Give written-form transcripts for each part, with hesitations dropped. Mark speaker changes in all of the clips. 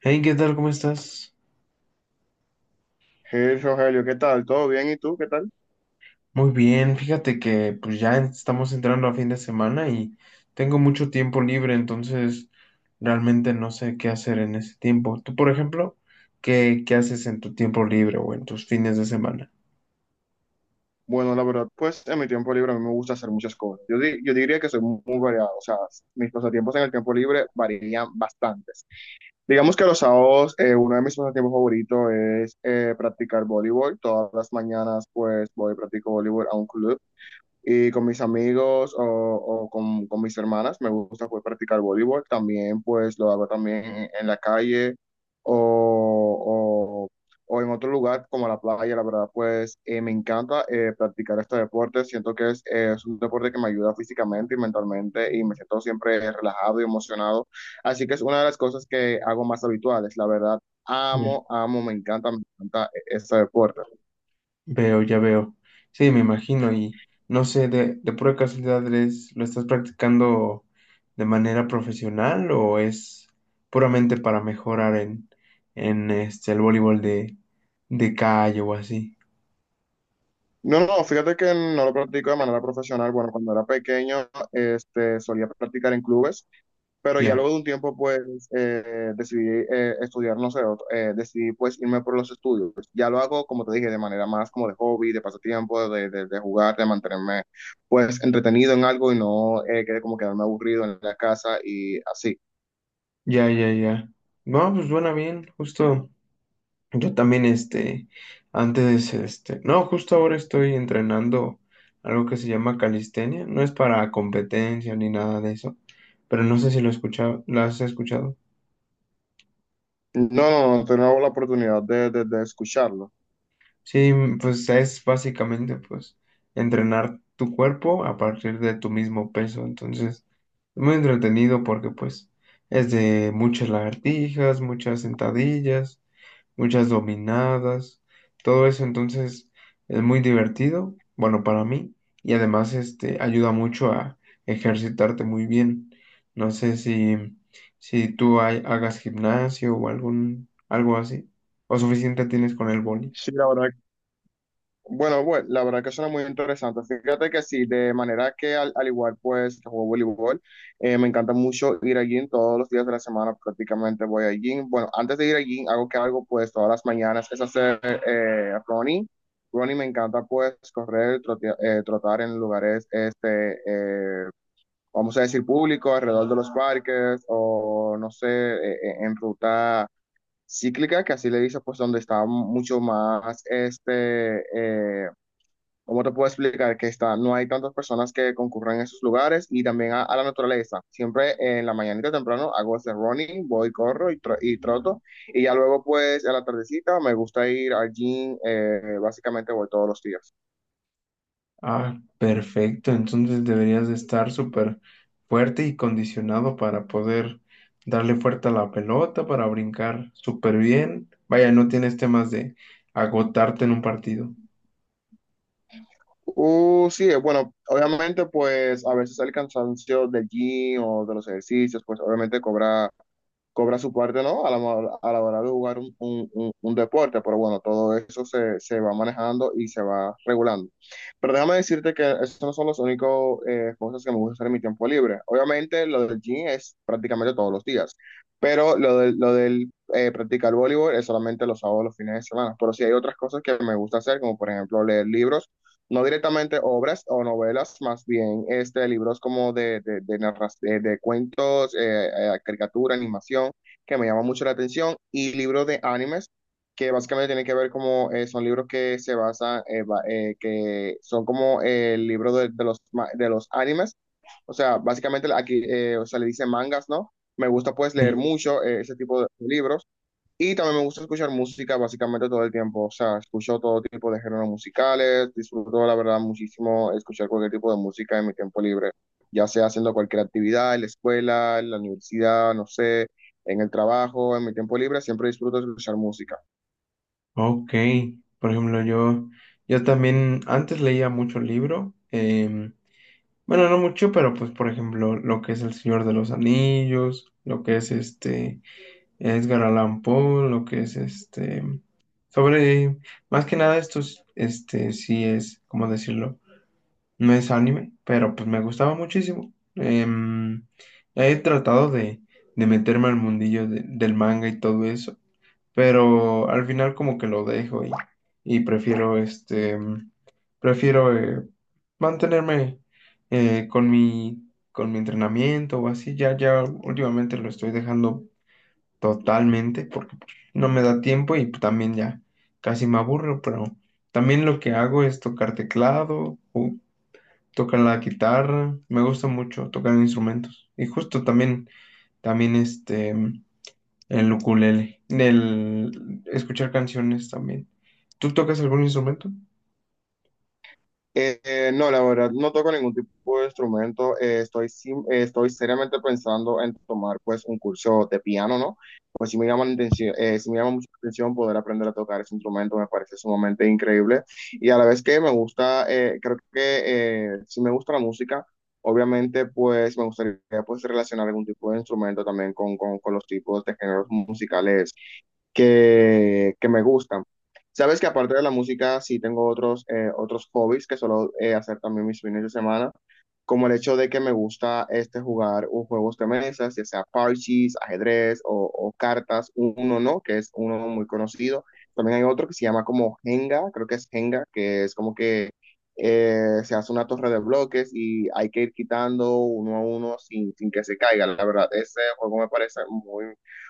Speaker 1: Hey, ¿qué tal? ¿Cómo estás?
Speaker 2: Hey, Rogelio, ¿qué tal? ¿Todo bien? ¿Y tú? ¿Qué tal?
Speaker 1: Muy bien, fíjate que pues ya estamos entrando a fin de semana y tengo mucho tiempo libre, entonces realmente no sé qué hacer en ese tiempo. Tú, por ejemplo, ¿qué haces en tu tiempo libre o en tus fines de semana?
Speaker 2: Bueno, la verdad, pues en mi tiempo libre a mí me gusta hacer muchas cosas. Yo diría que soy muy, muy variado, o sea, mis pasatiempos en el tiempo libre varían bastantes. Digamos que los sábados, uno de mis pasatiempos favoritos es practicar voleibol. Todas las mañanas, pues voy y practico voleibol a un club. Y con mis amigos o con mis hermanas me gusta pues practicar voleibol. También pues lo hago también en la calle o, o- o en otro lugar como la playa. La verdad pues me encanta practicar este deporte. Siento que es un deporte que me ayuda físicamente y mentalmente y me siento siempre relajado y emocionado. Así que es una de las cosas que hago más habituales. La verdad
Speaker 1: Ya.
Speaker 2: amo, amo, me encanta e-, este deporte.
Speaker 1: Veo, ya veo. Sí, me imagino y no sé, de pura casualidad, ¿eres- ¿lo estás practicando de manera profesional o es puramente para mejorar en este, el voleibol de calle o así?
Speaker 2: No, no, fíjate que no lo practico de manera profesional. Bueno, cuando era pequeño, este, solía practicar en clubes, pero ya
Speaker 1: Ya,
Speaker 2: luego de un tiempo, pues, decidí estudiar, no sé, decidí, pues, irme por los estudios. Ya lo hago, como te dije, de manera más como de hobby, de pasatiempo, de jugar, de mantenerme, pues, entretenido en algo y no que como quedarme aburrido en la casa y así.
Speaker 1: ya, ya, ya. No, pues suena bien, justo. Yo también, este, antes, este, no, justo ahora estoy entrenando algo que se llama calistenia. No es para competencia ni nada de eso, pero no sé si lo escucha, lo has escuchado.
Speaker 2: No, no, no, tengo la oportunidad de escucharlo.
Speaker 1: Sí, pues es básicamente, pues, entrenar tu cuerpo a partir de tu mismo peso. Entonces, es muy entretenido porque, pues, es de muchas lagartijas, muchas sentadillas, muchas dominadas, todo eso, entonces es muy divertido, bueno, para mí, y además este ayuda mucho a ejercitarte muy bien. No sé si, si tú hay- hagas gimnasio o algún, algo así, o suficiente tienes con el boli.
Speaker 2: Sí, la verdad. Bueno, la verdad que suena muy interesante. Fíjate que sí, de manera que al igual pues que juego voleibol, me encanta mucho ir al gym todos los días de la semana, prácticamente voy al gym. Bueno, antes de ir al gym, algo que hago pues todas las mañanas es hacer running. Running me encanta pues correr, trotar en lugares, este, vamos a decir, públicos, alrededor de los parques o no sé, en ruta cíclica, que así le dice pues donde está mucho más ¿cómo te puedo explicar? Que está, no hay tantas personas que concurran a esos lugares y también a la naturaleza. Siempre en la mañanita temprano hago ese running, voy, corro y troto y ya luego pues a la tardecita me gusta ir al gym, básicamente voy todos los días.
Speaker 1: Ah, perfecto, entonces deberías de estar súper fuerte y condicionado para poder darle fuerte a la pelota, para brincar súper bien. Vaya, no tienes temas de agotarte en un partido.
Speaker 2: Sí, bueno, obviamente pues a veces el cansancio del gym o de los ejercicios pues obviamente cobra su parte, ¿no? A a la hora de jugar un deporte, pero bueno, todo eso se va manejando y se va regulando. Pero déjame decirte que esos no son los únicos cosas que me gusta hacer en mi tiempo libre. Obviamente, lo del gym es prácticamente todos los días, pero lo del practicar voleibol es solamente los sábados, los fines de semana. Pero sí hay otras cosas que me gusta hacer, como por ejemplo leer libros, no directamente obras o novelas, más bien este, libros como de cuentos, caricatura, animación, que me llama mucho la atención, y libros de animes, que básicamente tienen que ver como, son libros que se basan, que son como el libro de los animes, o sea, básicamente aquí, o sea, le dicen mangas, ¿no? Me gusta pues leer
Speaker 1: Sí.
Speaker 2: mucho ese tipo de libros. Y también me gusta escuchar música básicamente todo el tiempo, o sea, escucho todo tipo de géneros musicales, disfruto la verdad muchísimo escuchar cualquier tipo de música en mi tiempo libre, ya sea haciendo cualquier actividad, en la escuela, en la universidad, no sé, en el trabajo, en mi tiempo libre, siempre disfruto escuchar música.
Speaker 1: Ok, por ejemplo, yo también antes leía mucho libro, bueno, no mucho, pero pues por ejemplo, lo que es El Señor de los Anillos, lo que es este Edgar Allan Poe, lo que es este, sobre, más que nada esto es, este, sí es, ¿cómo decirlo? No es anime, pero pues me gustaba muchísimo. He tratado de meterme al mundillo de- del manga y todo eso, pero al final como que lo dejo y prefiero este, prefiero mantenerme con mi entrenamiento o así, ya, ya últimamente lo estoy dejando totalmente porque pues, no me da tiempo y pues, también ya casi me aburro, pero también lo que hago es tocar teclado o tocar la guitarra, me gusta mucho tocar instrumentos y justo también, también este... el ukulele. El escuchar canciones también. ¿Tú tocas algún instrumento?
Speaker 2: No, la verdad, no toco ningún tipo de instrumento. Estoy seriamente pensando en tomar pues un curso de piano, ¿no? Pues si me llama la atención, sí me llama mucho la atención poder aprender a tocar ese instrumento, me parece sumamente increíble. Y a la vez que me gusta, creo que si me gusta la música, obviamente pues me gustaría pues relacionar algún tipo de instrumento también con los tipos de géneros musicales que me gustan. Sabes que aparte de la música, sí tengo otros, otros hobbies que suelo hacer también mis fines de semana, como el hecho de que me gusta este, jugar un juegos de mesas, ya sea parches, ajedrez o cartas, uno no, que es uno muy conocido. También hay otro que se llama como Jenga, creo que es Jenga, que es como que se hace una torre de bloques y hay que ir quitando uno a uno sin que se caiga. La verdad, ese juego me parece muy,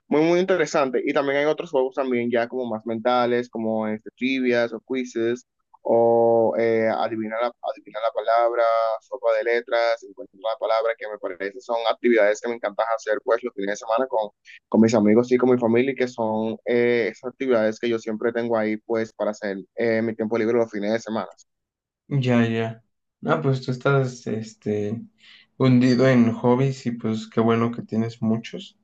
Speaker 2: muy, muy interesante. Y también hay otros juegos también ya como más mentales, como este, trivias o quizzes, o adivinar adivinar la palabra, sopa de letras, encuentro la palabra, que me parece son actividades que me encanta hacer pues los fines de semana con mis amigos y con mi familia, y que son esas actividades que yo siempre tengo ahí pues para hacer mi tiempo libre los fines de semana.
Speaker 1: Ya, ya. Ah, pues tú estás, este, hundido en hobbies y pues qué bueno que tienes muchos.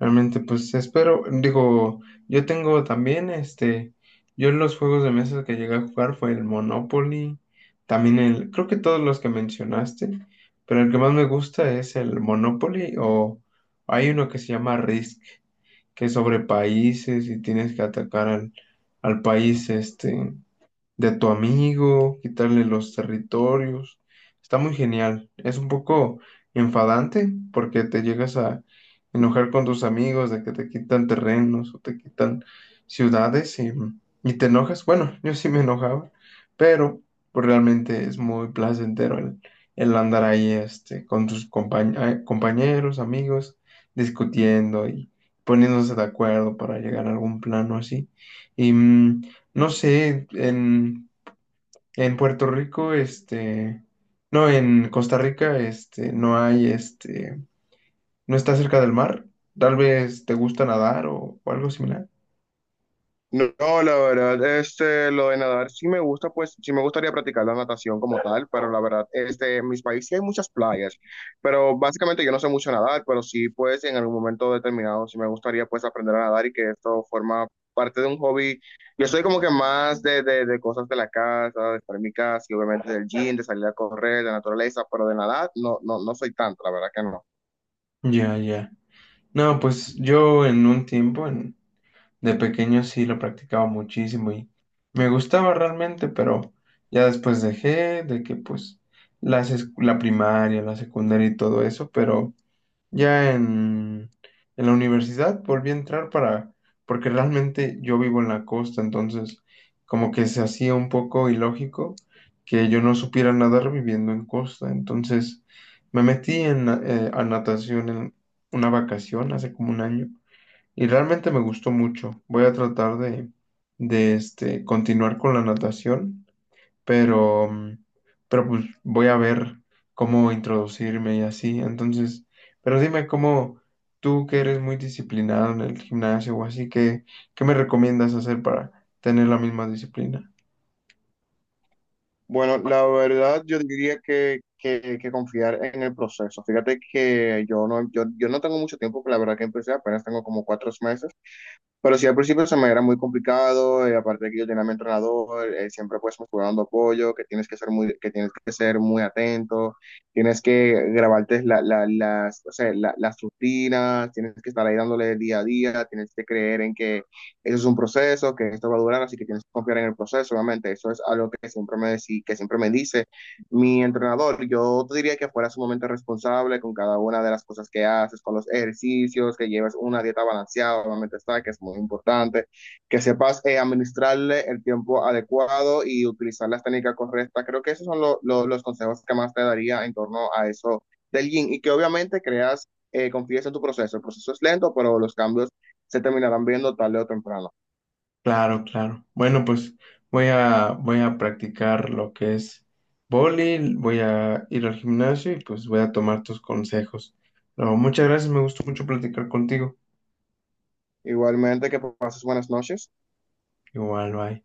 Speaker 1: Realmente, pues espero, digo, yo tengo también, este, yo en los juegos de mesa que llegué a jugar fue el Monopoly, también el, creo que todos los que mencionaste, pero el que más me gusta es el Monopoly o hay uno que se llama Risk, que es sobre países y tienes que atacar al, al país este, de tu amigo, quitarle los territorios. Está muy genial. Es un poco enfadante porque te llegas a enojar con tus amigos de que te quitan terrenos o te quitan ciudades y te enojas. Bueno, yo sí me enojaba, pero pues realmente es muy placentero el andar ahí este, con tus compañeros, amigos, discutiendo y poniéndose de acuerdo para llegar a algún plano así. Y, no sé, en Puerto Rico, este, no, en Costa Rica, este, no hay, este, no está cerca del mar. Tal vez te gusta nadar o algo similar.
Speaker 2: No, no, la verdad, este, lo de nadar sí me gusta, pues sí me gustaría practicar la natación como tal, pero la verdad, este, en mis países sí hay muchas playas, pero básicamente yo no sé mucho nadar, pero sí, pues en algún momento determinado sí me gustaría pues aprender a nadar y que esto forma parte de un hobby. Yo soy como que más de cosas de la casa, de estar en mi casa y obviamente del gym, de salir a correr, de naturaleza, pero de nadar no, no, no soy tanto, la verdad que no.
Speaker 1: Ya, ya. No, pues yo en un tiempo, en, de pequeño sí lo practicaba muchísimo y me gustaba realmente, pero ya después dejé de que pues las, es- la primaria, la secundaria y todo eso, pero... Ya en la universidad volví a entrar para, porque realmente yo vivo en la costa, entonces como que se hacía un poco ilógico que yo no supiera nadar viviendo en costa. Entonces me metí en, a natación en una vacación hace como un año y realmente me gustó mucho. Voy a tratar de este, continuar con la natación pero, pero pues voy a ver cómo introducirme y así. Entonces, pero dime cómo tú que eres muy disciplinado en el gimnasio o así, ¿qué me recomiendas hacer para tener la misma disciplina?
Speaker 2: Bueno, la verdad yo diría que confiar en el proceso. Fíjate que yo no, yo no tengo mucho tiempo, que la verdad que empecé apenas tengo como cuatro meses. Pero sí, al principio se me era muy complicado, aparte de que yo tenía a mi entrenador, siempre pues me estuvo dando apoyo, que tienes que ser muy, que tienes que ser muy atento, tienes que grabarte las, o sea, las rutinas, tienes que estar ahí dándole día a día, tienes que creer en que eso es un proceso, que esto va a durar, así que tienes que confiar en el proceso, obviamente, eso es algo que siempre que siempre me dice mi entrenador. Yo te diría que fuera sumamente responsable con cada una de las cosas que haces, con los ejercicios, que lleves una dieta balanceada, obviamente está, que es muy importante, que sepas administrarle el tiempo adecuado y utilizar las técnicas correctas. Creo que esos son los consejos que más te daría en torno a eso del yin y que obviamente creas, confíes en tu proceso. El proceso es lento, pero los cambios se terminarán viendo tarde o temprano.
Speaker 1: Claro, claro. Bueno, pues voy a, voy a practicar lo que es vóley, voy a ir al gimnasio y pues voy a tomar tus consejos. No, muchas gracias, me gustó mucho platicar contigo.
Speaker 2: Igualmente, que pases buenas noches.
Speaker 1: Igual, bye.